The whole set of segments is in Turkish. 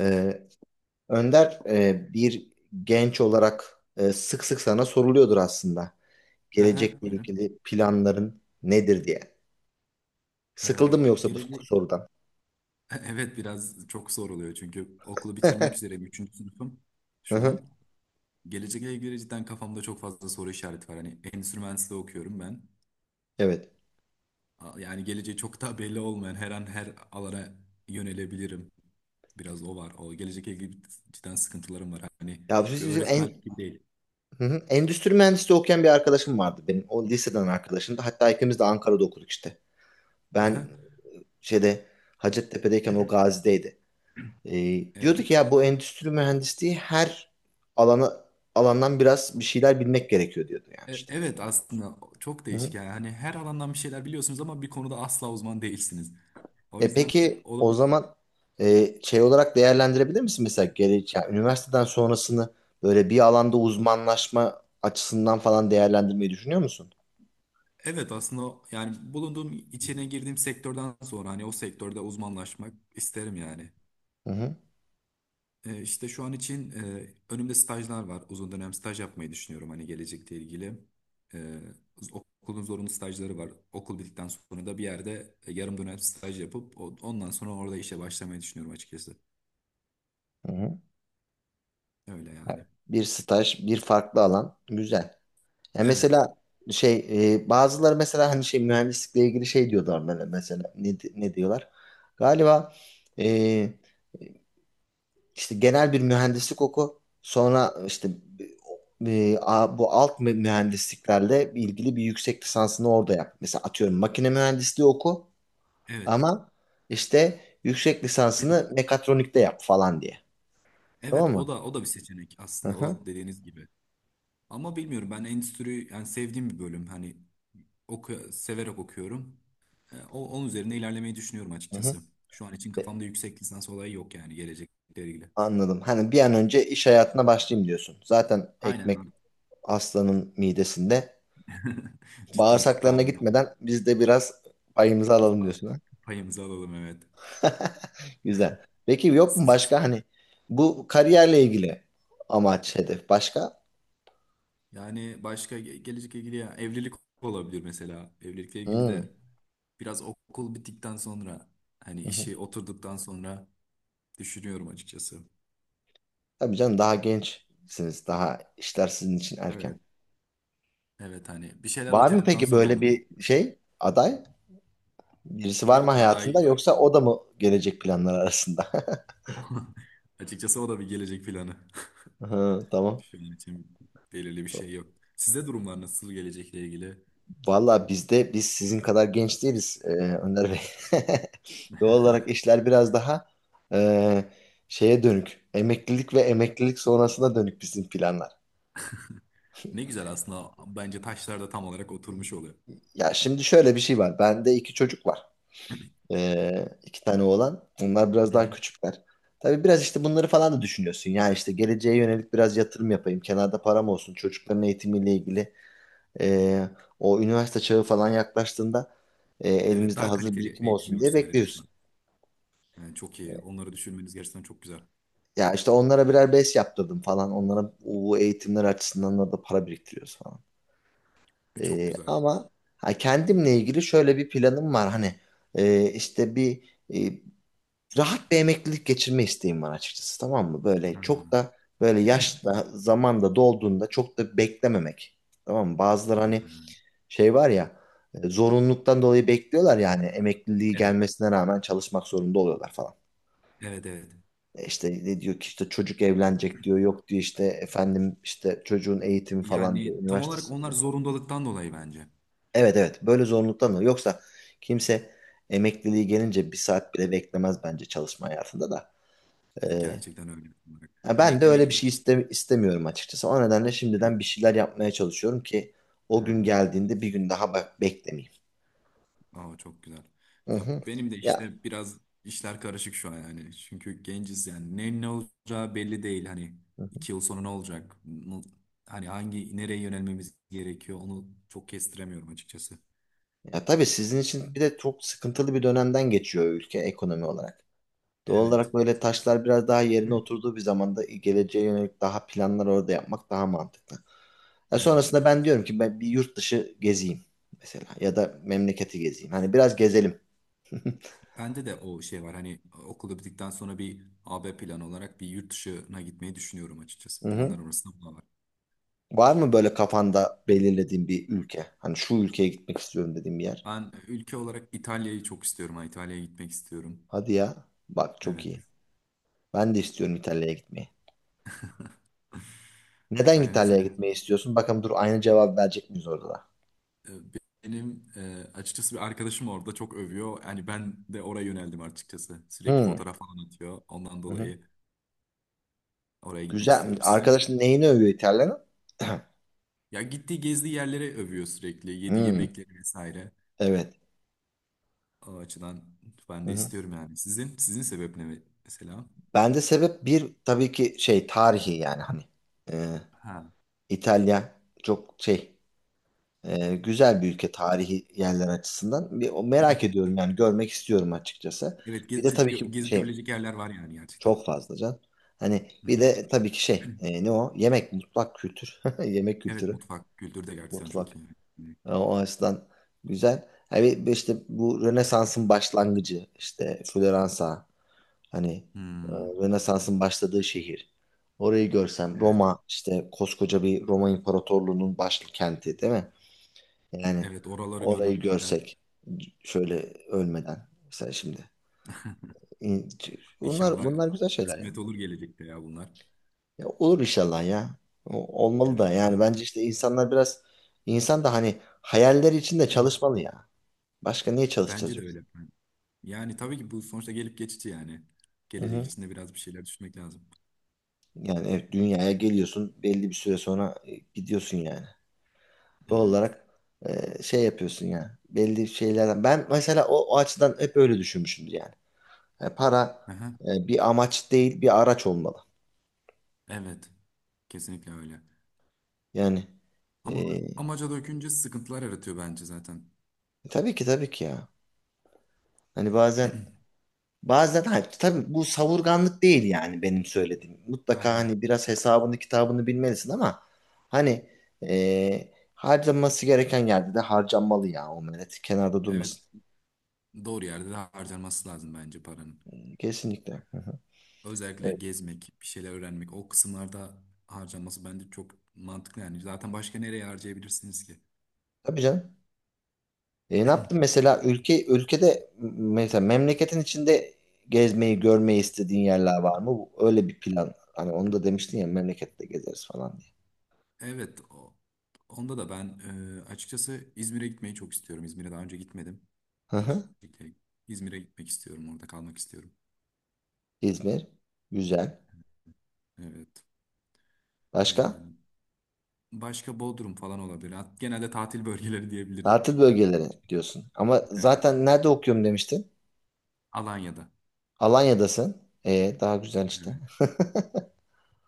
Ee, Önder, bir genç olarak, sık sık sana soruluyordur aslında. Aha, Gelecekle buyurun. ilgili planların nedir diye. Sıkıldın mı yoksa bu Gelecek... sorudan? Evet, biraz çok zor oluyor çünkü okulu Hı bitirmek üzereyim. Üçüncü sınıfım şu hı, an. Gelecekle ilgili cidden kafamda çok fazla soru işareti var. Hani endüstri mühendisliği okuyorum ben. evet. Yani geleceği çok daha belli olmayan her an her alana yönelebilirim. Biraz o var. O gelecekle ilgili cidden sıkıntılarım var. Hani Ya bir biz- bizim öğretmen en, gibi değil. hı hı, endüstri mühendisliği okuyan bir arkadaşım vardı benim. O liseden arkadaşımdı. Hatta ikimiz de Ankara'da okuduk işte. Aha, Ben şeyde Hacettepe'deyken o Gazi'deydi. Diyordu evet. ki ya bu endüstri mühendisliği her alana alandan biraz bir şeyler bilmek gerekiyor diyordu yani işte. Evet, aslında çok değişik yani. Hani her alandan bir şeyler biliyorsunuz ama bir konuda asla uzman değilsiniz. O E yüzden peki o olabilir. zaman, şey olarak değerlendirebilir misin mesela yani üniversiteden sonrasını böyle bir alanda uzmanlaşma açısından falan değerlendirmeyi düşünüyor musun? Evet, aslında yani bulunduğum, içine girdiğim sektörden sonra hani o sektörde uzmanlaşmak isterim yani. Hı hı. İşte şu an için önümde stajlar var. Uzun dönem staj yapmayı düşünüyorum hani gelecekle ilgili. Ee, Okulun zorunlu stajları var. Okul bittikten sonra da bir yerde yarım dönem staj yapıp ondan sonra orada işe başlamayı düşünüyorum açıkçası. hı hı. Öyle Yani yani. bir staj, bir farklı alan güzel. Ya Evet. mesela şey bazıları mesela hani şey mühendislikle ilgili şey diyorlar böyle mesela ne diyorlar? Galiba, e, İşte genel bir mühendislik oku. Sonra işte, bu mühendisliklerle ilgili bir yüksek lisansını orada yap. Mesela atıyorum makine mühendisliği oku Evet. ama işte yüksek lisansını mekatronikte yap falan diye. Evet, Tamam mı? o da bir seçenek Hı aslında. hı. O da dediğiniz gibi. Ama bilmiyorum, ben endüstri yani sevdiğim bir bölüm. Hani oku severek okuyorum. Onun üzerine ilerlemeyi düşünüyorum Hı hı. açıkçası. Şu an için Ve- kafamda yüksek lisans olayı yok yani gelecekle ilgili. Anladım. Hani bir an önce iş hayatına başlayayım diyorsun. Zaten Aynen ekmek abi. aslanın midesinde. Cidden Bağırsaklarına tamam. gitmeden biz de biraz payımızı alalım diyorsun. Payımızı alalım, evet. Güzel. Peki yok mu Siz, başka hani bu kariyerle ilgili amaç, hedef başka? yani başka gelecekle ilgili ya evlilik olabilir mesela. Evlilikle ilgili Hmm. de biraz okul bittikten sonra, hani Hı hı. işi oturduktan sonra düşünüyorum açıkçası. Tabii canım, daha gençsiniz. Daha işler sizin için erken. Evet. Evet, hani bir şeyler Var mı oturduktan peki sonra böyle onu. bir şey aday? Birisi var mı Yok aday. hayatında, yoksa o da mı gelecek planlar arasında? Açıkçası o da bir gelecek planı. Hı, tamam. Şu an için belirli bir şey yok. Size durumlar nasıl gelecekle ilgili? Vallahi bizde, biz sizin kadar genç değiliz, Önder Bey. Doğal olarak işler biraz daha, e, şeye dönük. Emeklilik ve emeklilik sonrasına dönük bizim planlar. Ne güzel, aslında bence taşlar da tam olarak oturmuş oluyor. Ya şimdi şöyle bir şey var. Bende iki çocuk var. İki tane oğlan. Onlar biraz Hı daha hı. küçükler. Tabii biraz işte bunları falan da düşünüyorsun. Yani işte geleceğe yönelik biraz yatırım yapayım. Kenarda param olsun. Çocukların eğitimiyle ilgili. ee, O üniversite çağı falan yaklaştığında Evet, elimizde daha hazır kaliteli birikim eğitim olsun diye görürsünler en azından. bekliyorsun. Yani çok iyi. Onları düşünmeniz gerçekten çok güzel. Ya işte onlara birer BES yaptırdım falan. Onlara bu eğitimler açısından da para biriktiriyoruz falan. Çok Ee, güzel. ama ha, kendimle ilgili şöyle bir planım var. Hani işte bir, e, rahat bir emeklilik geçirme isteğim var açıkçası, tamam mı? Hı Böyle çok hı. da, böyle yaşta zamanda dolduğunda, çok da beklememek. Tamam mı? Bazıları hani şey var ya, zorunluluktan dolayı bekliyorlar yani emekliliği Evet. gelmesine rağmen çalışmak zorunda oluyorlar falan. Evet, evet. E İşte ne diyor ki, işte çocuk evlenecek diyor, yok diyor işte efendim işte çocuğun eğitimi falan diyor, Yani tam olarak üniversitesi onlar diyor. zorundalıktan dolayı bence. Evet evet, böyle zorunluluktan dolayı, yoksa kimse emekliliği gelince bir saat bile beklemez bence çalışma hayatında da. Ee, Gerçekten öyle. Tam olarak. Ya Hani ben de öyle bir şey emeklilik. İstemiyorum açıkçası. O nedenle şimdiden bir şeyler yapmaya çalışıyorum ki o gün Ha. geldiğinde bir gün daha bak beklemeyeyim. Aa, çok güzel. Hı Ya hı. benim de Ya, işte biraz işler karışık şu an yani. Çünkü genciz yani. Ne ne olacağı belli değil. Hani iki yıl sonra ne olacak? Hani hangi, nereye yönelmemiz gerekiyor? Onu çok kestiremiyorum açıkçası. ya tabii sizin için bir de çok sıkıntılı bir dönemden geçiyor ülke ekonomi olarak. Doğal Evet. olarak böyle taşlar biraz daha yerine oturduğu bir zamanda geleceğe yönelik daha planlar orada yapmak daha mantıklı. Ya Evet. sonrasında ben diyorum ki ben bir yurt dışı gezeyim mesela, ya da memleketi gezeyim. Hani biraz gezelim. Bende de o şey var. Hani okul bittikten sonra bir AB planı olarak bir yurt dışına gitmeyi düşünüyorum Hı açıkçası. hı. Planlar arasında bu da var. Var mı böyle kafanda belirlediğin bir ülke? Hani şu ülkeye gitmek istiyorum dediğin bir yer. Ben ülke olarak İtalya'yı çok istiyorum. Ha, İtalya'ya gitmek istiyorum. Hadi ya. Bak çok iyi. Evet. Ben de istiyorum İtalya'ya gitmeyi. Neden İtalya neyse İtalya'ya çok. gitmeyi istiyorsun? Bakalım dur, aynı cevap verecek miyiz orada da? E, Benim açıkçası bir arkadaşım orada çok övüyor. Yani ben de oraya yöneldim açıkçası. Sürekli Hmm. fotoğraf falan atıyor. Ondan Hı hı. dolayı oraya gitmek Güzel. istiyorum. Sizin... Arkadaşın neyini övüyor İtalya'nın? Ya gittiği, gezdiği yerlere övüyor sürekli. Yediği Hmm. yemekleri vesaire. Evet. O açıdan ben Hı de hı. istiyorum yani. Sizin sebep ne mesela? Ben de sebep bir tabii ki şey tarihi yani hani. Ee, Ha. İtalya çok şey, güzel bir ülke tarihi yerler açısından. Merak ediyorum yani, görmek istiyorum açıkçası. Evet, Bir de tabii ki gezip şey, görülecek yerler var yani gerçekten. çok fazla can. Hani Hı bir hı. de tabii ki şey, ne o? Yemek, mutfak kültür. Yemek Evet, kültürü, mutfak kültürü de gerçekten çok mutfak. iyi. E, o açıdan güzel. Hani işte bu Rönesans'ın başlangıcı, işte Floransa, hani, Hmm, Rönesans'ın başladığı şehir. Orayı görsem, evet. Roma, işte koskoca bir Roma İmparatorluğu'nun başkenti değil mi? Yani Evet, oraları orayı görmekten... görsek şöyle ölmeden mesela şimdi. İn- bunlar inşallah bunlar güzel şeyler ya. kısmet olur gelecekte ya bunlar. Ya olur inşallah ya. Olmalı Evet, da yani, ben, bence işte insanlar biraz, insan da hani hayalleri için de çalışmalı ya. Başka niye çalışacağız Bence de yoksa? öyle. Yani tabii ki bu sonuçta gelip geçici yani. Hı Gelecek hı. içinde biraz bir şeyler düşünmek lazım. Yani evet, dünyaya geliyorsun, belli bir süre sonra gidiyorsun yani. Doğal Evet. olarak, şey yapıyorsun yani. Belli şeylerden, ben mesela o açıdan hep öyle düşünmüşümdür yani. Yani para, Aha. Bir amaç değil, bir araç olmalı. Evet. Kesinlikle öyle. Yani Ama e, amaca dökünce sıkıntılar yaratıyor bence zaten. tabii ki tabii ki ya. Hani bazen hayır, tabii bu savurganlık değil yani benim söylediğim. Mutlaka Aynen. hani biraz hesabını kitabını bilmelisin, ama hani, harcanması gereken yerde de harcanmalı ya, o millet kenarda Evet. durmasın. Doğru yerde de harcanması lazım bence paranın. Kesinlikle. Hı hı. Özellikle Evet. gezmek, bir şeyler öğrenmek, o kısımlarda harcanması bence çok mantıklı yani. Zaten başka nereye harcayabilirsiniz ki? Tabii canım. E, ne yaptın mesela ülkede, mesela memleketin içinde gezmeyi görmeyi istediğin yerler var mı? Öyle bir plan. Hani onu da demiştin ya, memlekette gezeriz falan diye. Evet, o- Onda da ben açıkçası İzmir'e gitmeyi çok istiyorum. İzmir'e daha önce gitmedim. Hı hı. Gelecekte İzmir'e gitmek istiyorum, orada kalmak istiyorum. İzmir. Güzel. Evet, öyle Başka? yani. Başka Bodrum falan olabilir. Genelde tatil bölgeleri diyebilirim. Tatil bölgeleri diyorsun. Ama Evet, zaten nerede okuyorum demiştin? Alanya'da. Alanya'dasın. E, daha güzel işte. Evet.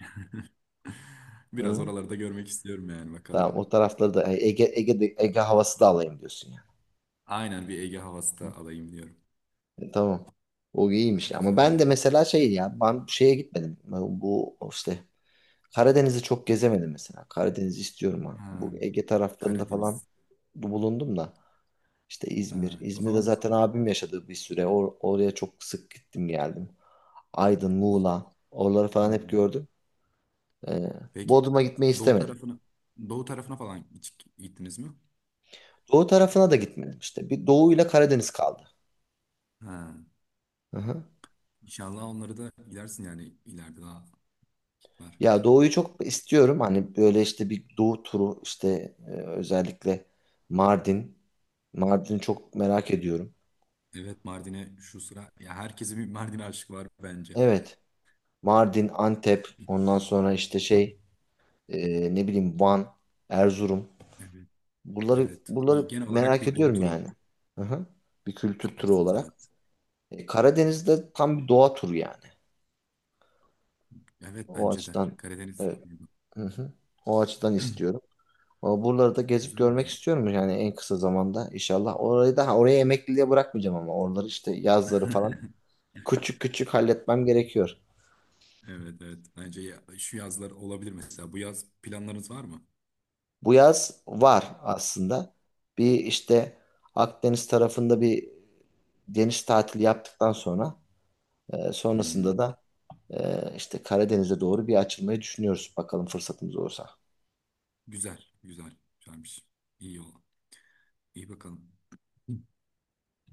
Biraz Hı. oraları da görmek istiyorum yani, bakalım. Tamam, o tarafları da, Ege havası da alayım diyorsun yani. Aynen, bir Ege havası da alayım diyorum. E, tamam. O iyiymiş. Ama Güzel ben de ya. mesela şey ya, ben şeye gitmedim. Ben bu işte Karadeniz'i çok gezemedim mesela. Karadeniz'i istiyorum ha. Bu Ha, Ege taraflarında falan Karadeniz. bulundum da. İşte İzmir. Ha, o İzmir'de zaman zaten abim yaşadığı bir süre. Oraya çok sık gittim geldim. Aydın, o, Muğla. Oraları falan hep hmm. gördüm. Ee, Peki Bodrum'a gitmeyi doğu istemedim. tarafına doğu tarafına falan hiç gittiniz mi? Doğu tarafına da gitmedim işte. Bir Doğu ile Karadeniz kaldı. Ha, Hı hı. inşallah onları da gidersin yani ileride, daha var. Ya Doğu'yu çok istiyorum. Hani böyle işte bir Doğu turu işte, özellikle Mardin. Mardin'i çok merak ediyorum. Evet, Mardin'e şu sıra ya, herkesin bir Mardin aşkı var bence. Evet. Mardin, Antep, ondan sonra işte şey, ne bileyim, Van, Erzurum. Evet. Evet. Bir Buraları genel olarak merak bir doğu ediyorum turu yani. Hı hı. Bir kültür turu istersiniz, olarak. evet. E, Karadeniz'de tam bir doğa turu yani. Evet, O bence de. açıdan Karadeniz evet. turu. Hı hı. O açıdan istiyorum. Ama buraları da gezip Güzel görmek mi? istiyorum yani en kısa zamanda inşallah. Orayı da ha, oraya emekliliğe bırakmayacağım, ama oraları işte yazları falan küçük küçük halletmem gerekiyor. Evet, evet. Bence ya, şu yazlar olabilir mesela. Bu yaz planlarınız var mı? Bu yaz var aslında. Bir işte Akdeniz tarafında bir deniz tatili yaptıktan sonra, sonrasında Hmm, da, işte Karadeniz'e doğru bir açılmayı düşünüyoruz bakalım fırsatımız olursa. güzel, güzel. Güzelmiş. İyi o. İyi bakalım.